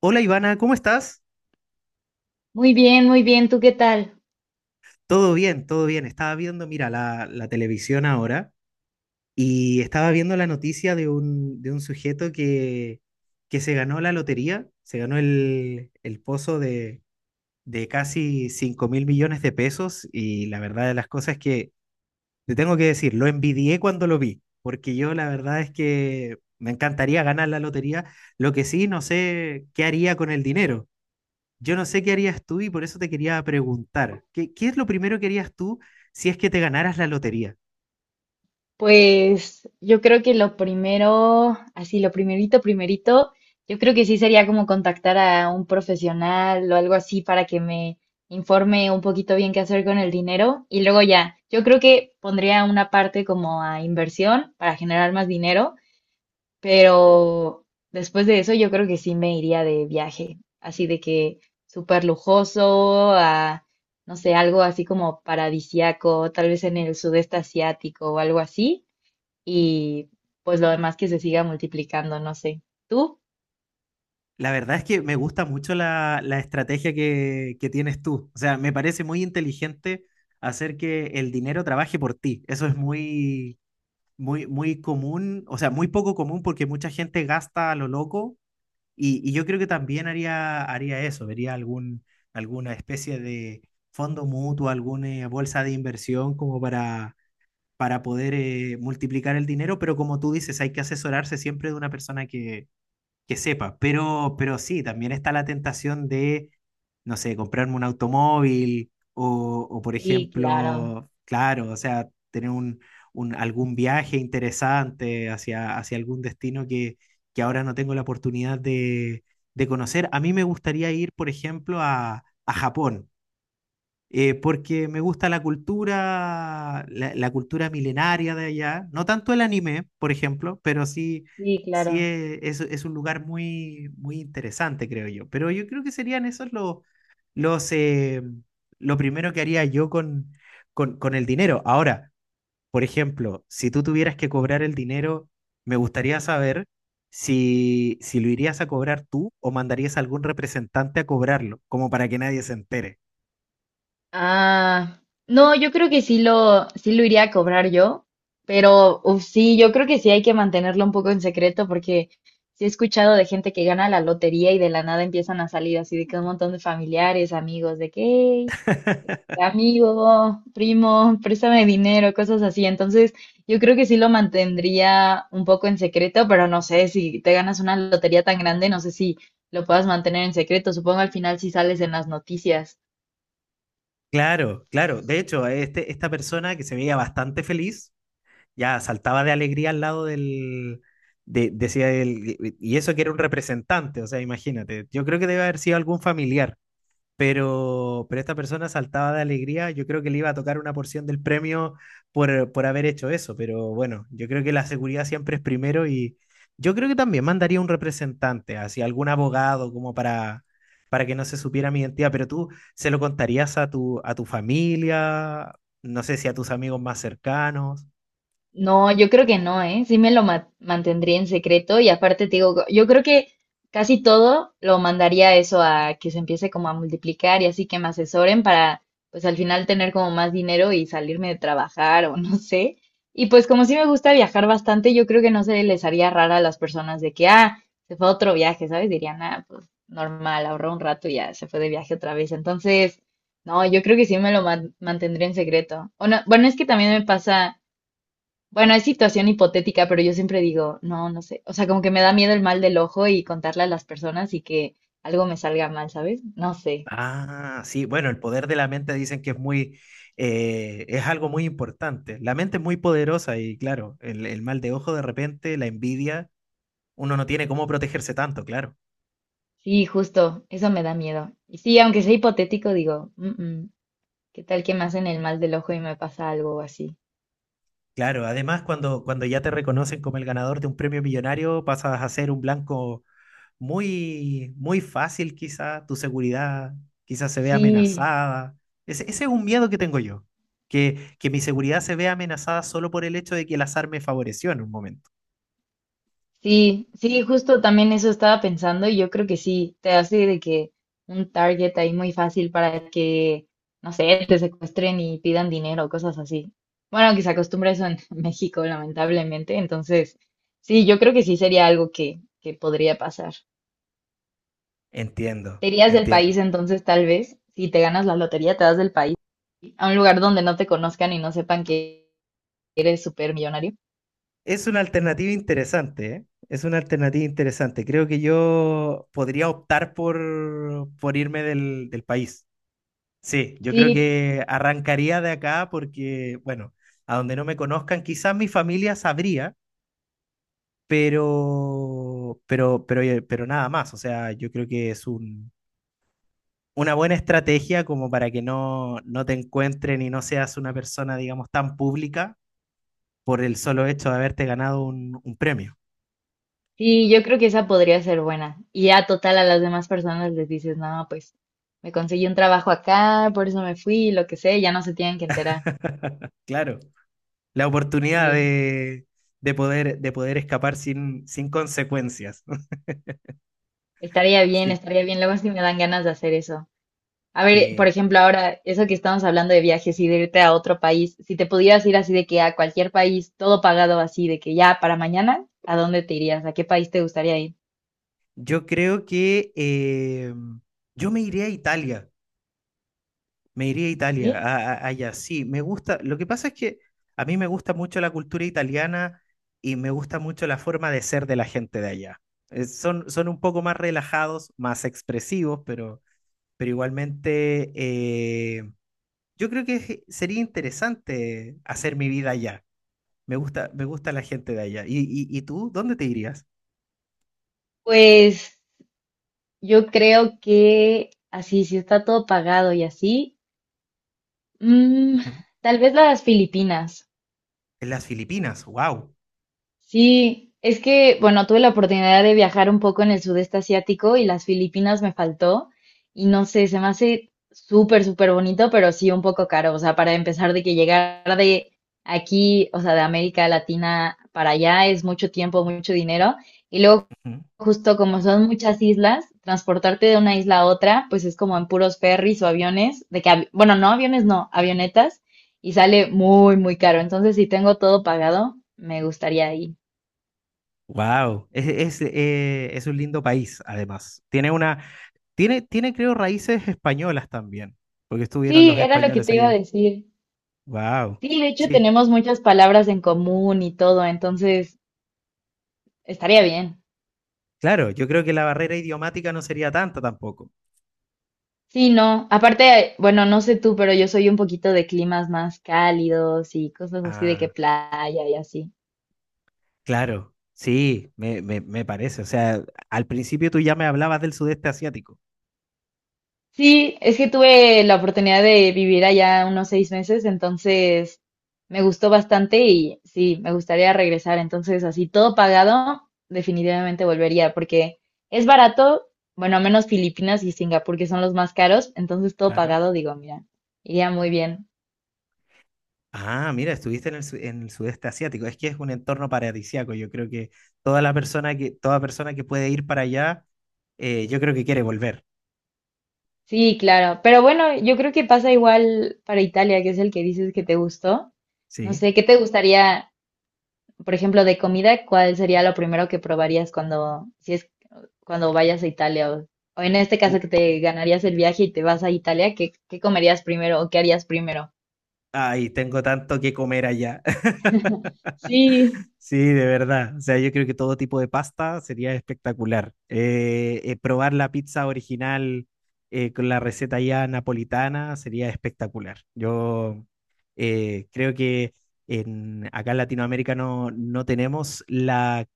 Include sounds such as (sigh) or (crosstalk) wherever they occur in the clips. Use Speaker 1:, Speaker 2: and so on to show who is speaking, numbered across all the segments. Speaker 1: Hola Ivana, ¿cómo estás?
Speaker 2: Muy bien, muy bien. ¿Tú qué tal?
Speaker 1: Todo bien, todo bien. Estaba viendo, mira, la televisión ahora y estaba viendo la noticia de un sujeto que se ganó la lotería, se ganó el pozo de casi 5 mil millones de pesos y la verdad de las cosas es que, te tengo que decir, lo envidié cuando lo vi, porque yo la verdad es que me encantaría ganar la lotería, lo que sí, no sé qué haría con el dinero. Yo no sé qué harías tú y por eso te quería preguntar, ¿qué es lo primero que harías tú si es que te ganaras la lotería?
Speaker 2: Pues yo creo que lo primero, así lo primerito, primerito, yo creo que sí sería como contactar a un profesional o algo así para que me informe un poquito bien qué hacer con el dinero. Y luego ya, yo creo que pondría una parte como a inversión para generar más dinero. Pero después de eso yo creo que sí me iría de viaje, así de que súper lujoso, a, no sé, algo así como paradisiaco, tal vez en el sudeste asiático o algo así, y pues lo demás que se siga multiplicando, no sé. ¿Tú?
Speaker 1: La verdad es que me gusta mucho la estrategia que tienes tú. O sea, me parece muy inteligente hacer que el dinero trabaje por ti. Eso es muy, muy, muy común, o sea, muy poco común porque mucha gente gasta a lo loco y yo creo que también haría, haría eso, vería algún, alguna especie de fondo mutuo, alguna bolsa de inversión como para poder multiplicar el dinero, pero como tú dices, hay que asesorarse siempre de una persona que sepa. Pero sí, también está la tentación de, no sé, comprarme un automóvil o, por
Speaker 2: Sí, claro,
Speaker 1: ejemplo, claro, o sea, tener un, algún viaje interesante hacia algún destino que ahora no tengo la oportunidad de conocer. A mí me gustaría ir, por ejemplo, a Japón, porque me gusta la cultura, la cultura milenaria de allá, no tanto el anime, por ejemplo, pero sí,
Speaker 2: sí,
Speaker 1: sí
Speaker 2: claro.
Speaker 1: es un lugar muy, muy interesante, creo yo. Pero yo creo que serían esos los, eh, lo primero que haría yo con el dinero. Ahora, por ejemplo, si tú tuvieras que cobrar el dinero, me gustaría saber si lo irías a cobrar tú o mandarías a algún representante a cobrarlo, como para que nadie se entere.
Speaker 2: Ah, no, yo creo que sí lo iría a cobrar yo, pero uf, sí, yo creo que sí hay que mantenerlo un poco en secreto porque sí he escuchado de gente que gana la lotería y de la nada empiezan a salir así de que un montón de familiares, amigos, de que, "Hey, amigo, primo, préstame dinero", cosas así. Entonces, yo creo que sí lo mantendría un poco en secreto, pero no sé si te ganas una lotería tan grande, no sé si lo puedas mantener en secreto. Supongo al final si sales en las noticias.
Speaker 1: Claro, claro. De hecho, esta persona que se veía bastante feliz, ya saltaba de alegría al lado del decía él, y eso que era un representante, o sea, imagínate, yo creo que debe haber sido algún familiar, pero esta persona saltaba de alegría. Yo creo que le iba a tocar una porción del premio por haber hecho eso, pero bueno, yo creo que la seguridad siempre es primero y yo creo que también mandaría un representante, así algún abogado como para que no se supiera mi identidad, pero tú se lo contarías a tu familia, no sé si a tus amigos más cercanos.
Speaker 2: No, yo creo que no, ¿eh? Sí me lo mantendría en secreto, y aparte te digo, yo creo que casi todo lo mandaría eso a que se empiece como a multiplicar y así que me asesoren para pues al final tener como más dinero y salirme de trabajar o (laughs) no sé. Y pues como sí me gusta viajar bastante, yo creo que no se les haría rara a las personas de que, ah, se fue a otro viaje, ¿sabes? Dirían, ah, pues normal, ahorró un rato y ya se fue de viaje otra vez. Entonces, no, yo creo que sí me lo mantendría en secreto. O no- Bueno, es que también me pasa, bueno, es situación hipotética, pero yo siempre digo, no, no sé. O sea, como que me da miedo el mal del ojo y contarle a las personas y que algo me salga mal, ¿sabes? No sé.
Speaker 1: Ah, sí, bueno, el poder de la mente dicen que es muy, es algo muy importante. La mente es muy poderosa y claro, el mal de ojo de repente, la envidia, uno no tiene cómo protegerse tanto, claro.
Speaker 2: Sí, justo, eso me da miedo. Y sí, aunque sea hipotético, digo, "Mm, mm, ¿qué tal que me hacen el mal del ojo y me pasa algo así?"
Speaker 1: Claro, además cuando ya te reconocen como el ganador de un premio millonario, pasas a ser un blanco muy, muy fácil quizá, tu seguridad quizás se ve
Speaker 2: Sí.
Speaker 1: amenazada. Ese es un miedo que tengo yo, que mi seguridad se vea amenazada solo por el hecho de que el azar me favoreció en un momento.
Speaker 2: Sí, sí, justo también eso estaba pensando, y yo creo que sí, te hace de que un target ahí muy fácil para que, no sé, te secuestren y pidan dinero, cosas así. Bueno, que se acostumbra eso en (laughs) México, lamentablemente. Entonces, sí, yo creo que sí sería algo que podría pasar.
Speaker 1: Entiendo,
Speaker 2: ¿Te irías del
Speaker 1: entiendo.
Speaker 2: país entonces, tal vez? Si te ganas la lotería, te vas del país a un lugar donde no te conozcan y no sepan que eres súper millonario.
Speaker 1: Es una alternativa interesante, ¿eh? Es una alternativa interesante. Creo que yo podría optar por irme del país. Sí, yo creo
Speaker 2: Sí,
Speaker 1: que arrancaría de acá porque, bueno, a donde no me conozcan, quizás mi familia sabría, pero, pero nada más. O sea, yo creo que es una buena estrategia como para que no, no te encuentren y no seas una persona, digamos, tan pública por el solo hecho de haberte ganado un premio.
Speaker 2: sí, yo creo que esa podría ser buena. Y ya total a las demás personas les dices, no, pues me conseguí un trabajo acá, por eso me fui, lo que sé, ya no se tienen que enterar.
Speaker 1: Claro, la oportunidad
Speaker 2: Sí,
Speaker 1: de poder escapar sin, sin consecuencias. (laughs)
Speaker 2: estaría bien,
Speaker 1: Sí,
Speaker 2: estaría bien. Luego sí me dan ganas de hacer eso. A ver, por
Speaker 1: sí.
Speaker 2: ejemplo, ahora, eso que estamos hablando de viajes y de irte a otro país, si te pudieras ir así de que a cualquier país, todo pagado así, de que ya para mañana, ¿a dónde te irías? ¿A qué país te gustaría ir?
Speaker 1: Yo creo que yo me iría a Italia, me iría a Italia,
Speaker 2: Sí.
Speaker 1: allá. Sí, me gusta. Lo que pasa es que a mí me gusta mucho la cultura italiana y me gusta mucho la forma de ser de la gente de allá. Son, son un poco más relajados, más expresivos, pero igualmente yo creo que sería interesante hacer mi vida allá. Me gusta la gente de allá. Y tú, dónde te irías?
Speaker 2: Pues yo creo que así, si está todo pagado y así. Mm,
Speaker 1: Ujú.
Speaker 2: tal vez las Filipinas.
Speaker 1: En las Filipinas, wow.
Speaker 2: Sí, es que, bueno, tuve la oportunidad de viajar un poco en el sudeste asiático y las Filipinas me faltó. Y no sé, se me hace súper, súper bonito, pero sí un poco caro. O sea, para empezar de que llegar de aquí, o sea, de América Latina para allá es mucho tiempo, mucho dinero. Y luego, justo como son muchas islas, transportarte de una isla a otra, pues es como en puros ferries o aviones, de que, bueno, no aviones, no, avionetas, y sale muy, muy caro. Entonces, si tengo todo pagado, me gustaría ir.
Speaker 1: Wow, es, es un lindo país, además. Tiene una, tiene, tiene, creo, raíces españolas también, porque estuvieron los
Speaker 2: Sí, era lo que
Speaker 1: españoles
Speaker 2: te iba
Speaker 1: allí.
Speaker 2: a decir.
Speaker 1: Wow,
Speaker 2: Sí, de hecho
Speaker 1: sí,
Speaker 2: tenemos muchas palabras en común y todo, entonces estaría bien.
Speaker 1: claro, yo creo que la barrera idiomática no sería tanta tampoco.
Speaker 2: Sí, no, aparte, bueno, no sé tú, pero yo soy un poquito de climas más cálidos y cosas así de que
Speaker 1: Ah,
Speaker 2: playa y así.
Speaker 1: claro, sí, me parece. O sea, al principio tú ya me hablabas del sudeste asiático,
Speaker 2: Sí, es que tuve la oportunidad de vivir allá unos 6 meses, entonces me gustó bastante y sí, me gustaría regresar. Entonces, así todo pagado, definitivamente volvería porque es barato, bueno, menos Filipinas y Singapur, que son los más caros, entonces todo
Speaker 1: claro.
Speaker 2: pagado, digo, mira, iría muy bien.
Speaker 1: Ah, mira, estuviste en el sudeste asiático. Es que es un entorno paradisíaco. Yo creo que toda persona que puede ir para allá, yo creo que quiere volver.
Speaker 2: Sí, claro, pero bueno, yo creo que pasa igual para Italia, que es el que dices que te gustó. No
Speaker 1: Sí.
Speaker 2: sé, ¿qué te gustaría, por ejemplo, de comida? ¿Cuál sería lo primero que probarías cuando, si es cuando vayas a Italia, o en este
Speaker 1: Uh,
Speaker 2: caso que te ganarías el viaje y te vas a Italia, ¿qué, qué comerías primero o qué harías primero?
Speaker 1: ay, tengo tanto que comer allá. (laughs)
Speaker 2: Sí.
Speaker 1: Sí, de verdad. O sea, yo creo que todo tipo de pasta sería espectacular. Probar la pizza original, con la receta ya napolitana sería espectacular. Yo creo que acá en Latinoamérica no, no tenemos la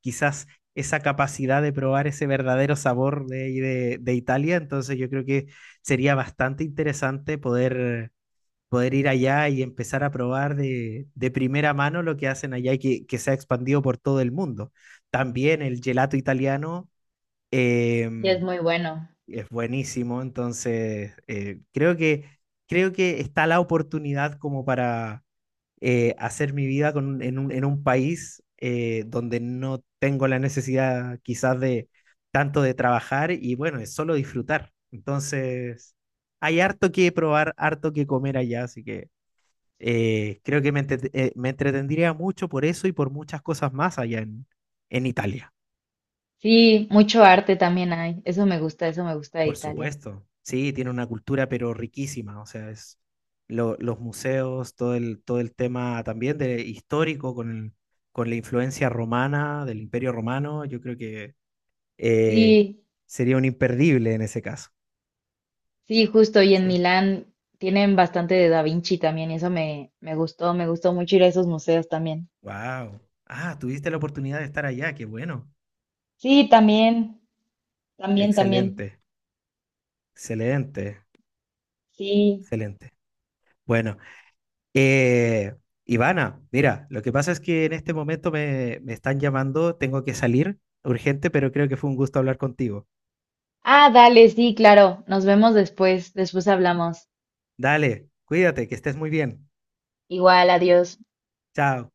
Speaker 1: quizás esa capacidad de probar ese verdadero sabor de Italia, entonces yo creo que sería bastante interesante poder, poder ir allá y empezar a probar de primera mano lo que hacen allá y se ha expandido por todo el mundo. También el gelato italiano, eh,
Speaker 2: Y es muy bueno.
Speaker 1: es buenísimo, entonces creo que está la oportunidad como para, hacer mi vida en un país, donde no tengo la necesidad quizás de tanto de trabajar y bueno, es solo disfrutar. Entonces, hay harto que probar, harto que comer allá, así que creo que me entretendría mucho por eso y por muchas cosas más allá en Italia.
Speaker 2: Sí, mucho arte también hay. Eso me gusta de
Speaker 1: Por
Speaker 2: Italia.
Speaker 1: supuesto. Sí, tiene una cultura pero riquísima, o sea, es los museos, todo todo el tema también de histórico con con la influencia romana, del Imperio Romano, yo creo que eh,
Speaker 2: Sí,
Speaker 1: sería un imperdible en ese caso.
Speaker 2: sí, justo. Y en
Speaker 1: Sí.
Speaker 2: Milán tienen bastante de Da Vinci también. Y eso me, me gustó mucho ir a esos museos también.
Speaker 1: Wow. Ah, tuviste la oportunidad de estar allá, qué bueno.
Speaker 2: Sí, también, también, también.
Speaker 1: Excelente, excelente,
Speaker 2: Sí.
Speaker 1: excelente. Bueno, Eh, Ivana, mira, lo que pasa es que en este momento me, me están llamando, tengo que salir urgente, pero creo que fue un gusto hablar contigo.
Speaker 2: Ah, dale, sí, claro. Nos vemos después, después hablamos.
Speaker 1: Dale, cuídate, que estés muy bien.
Speaker 2: Igual, adiós.
Speaker 1: Chao.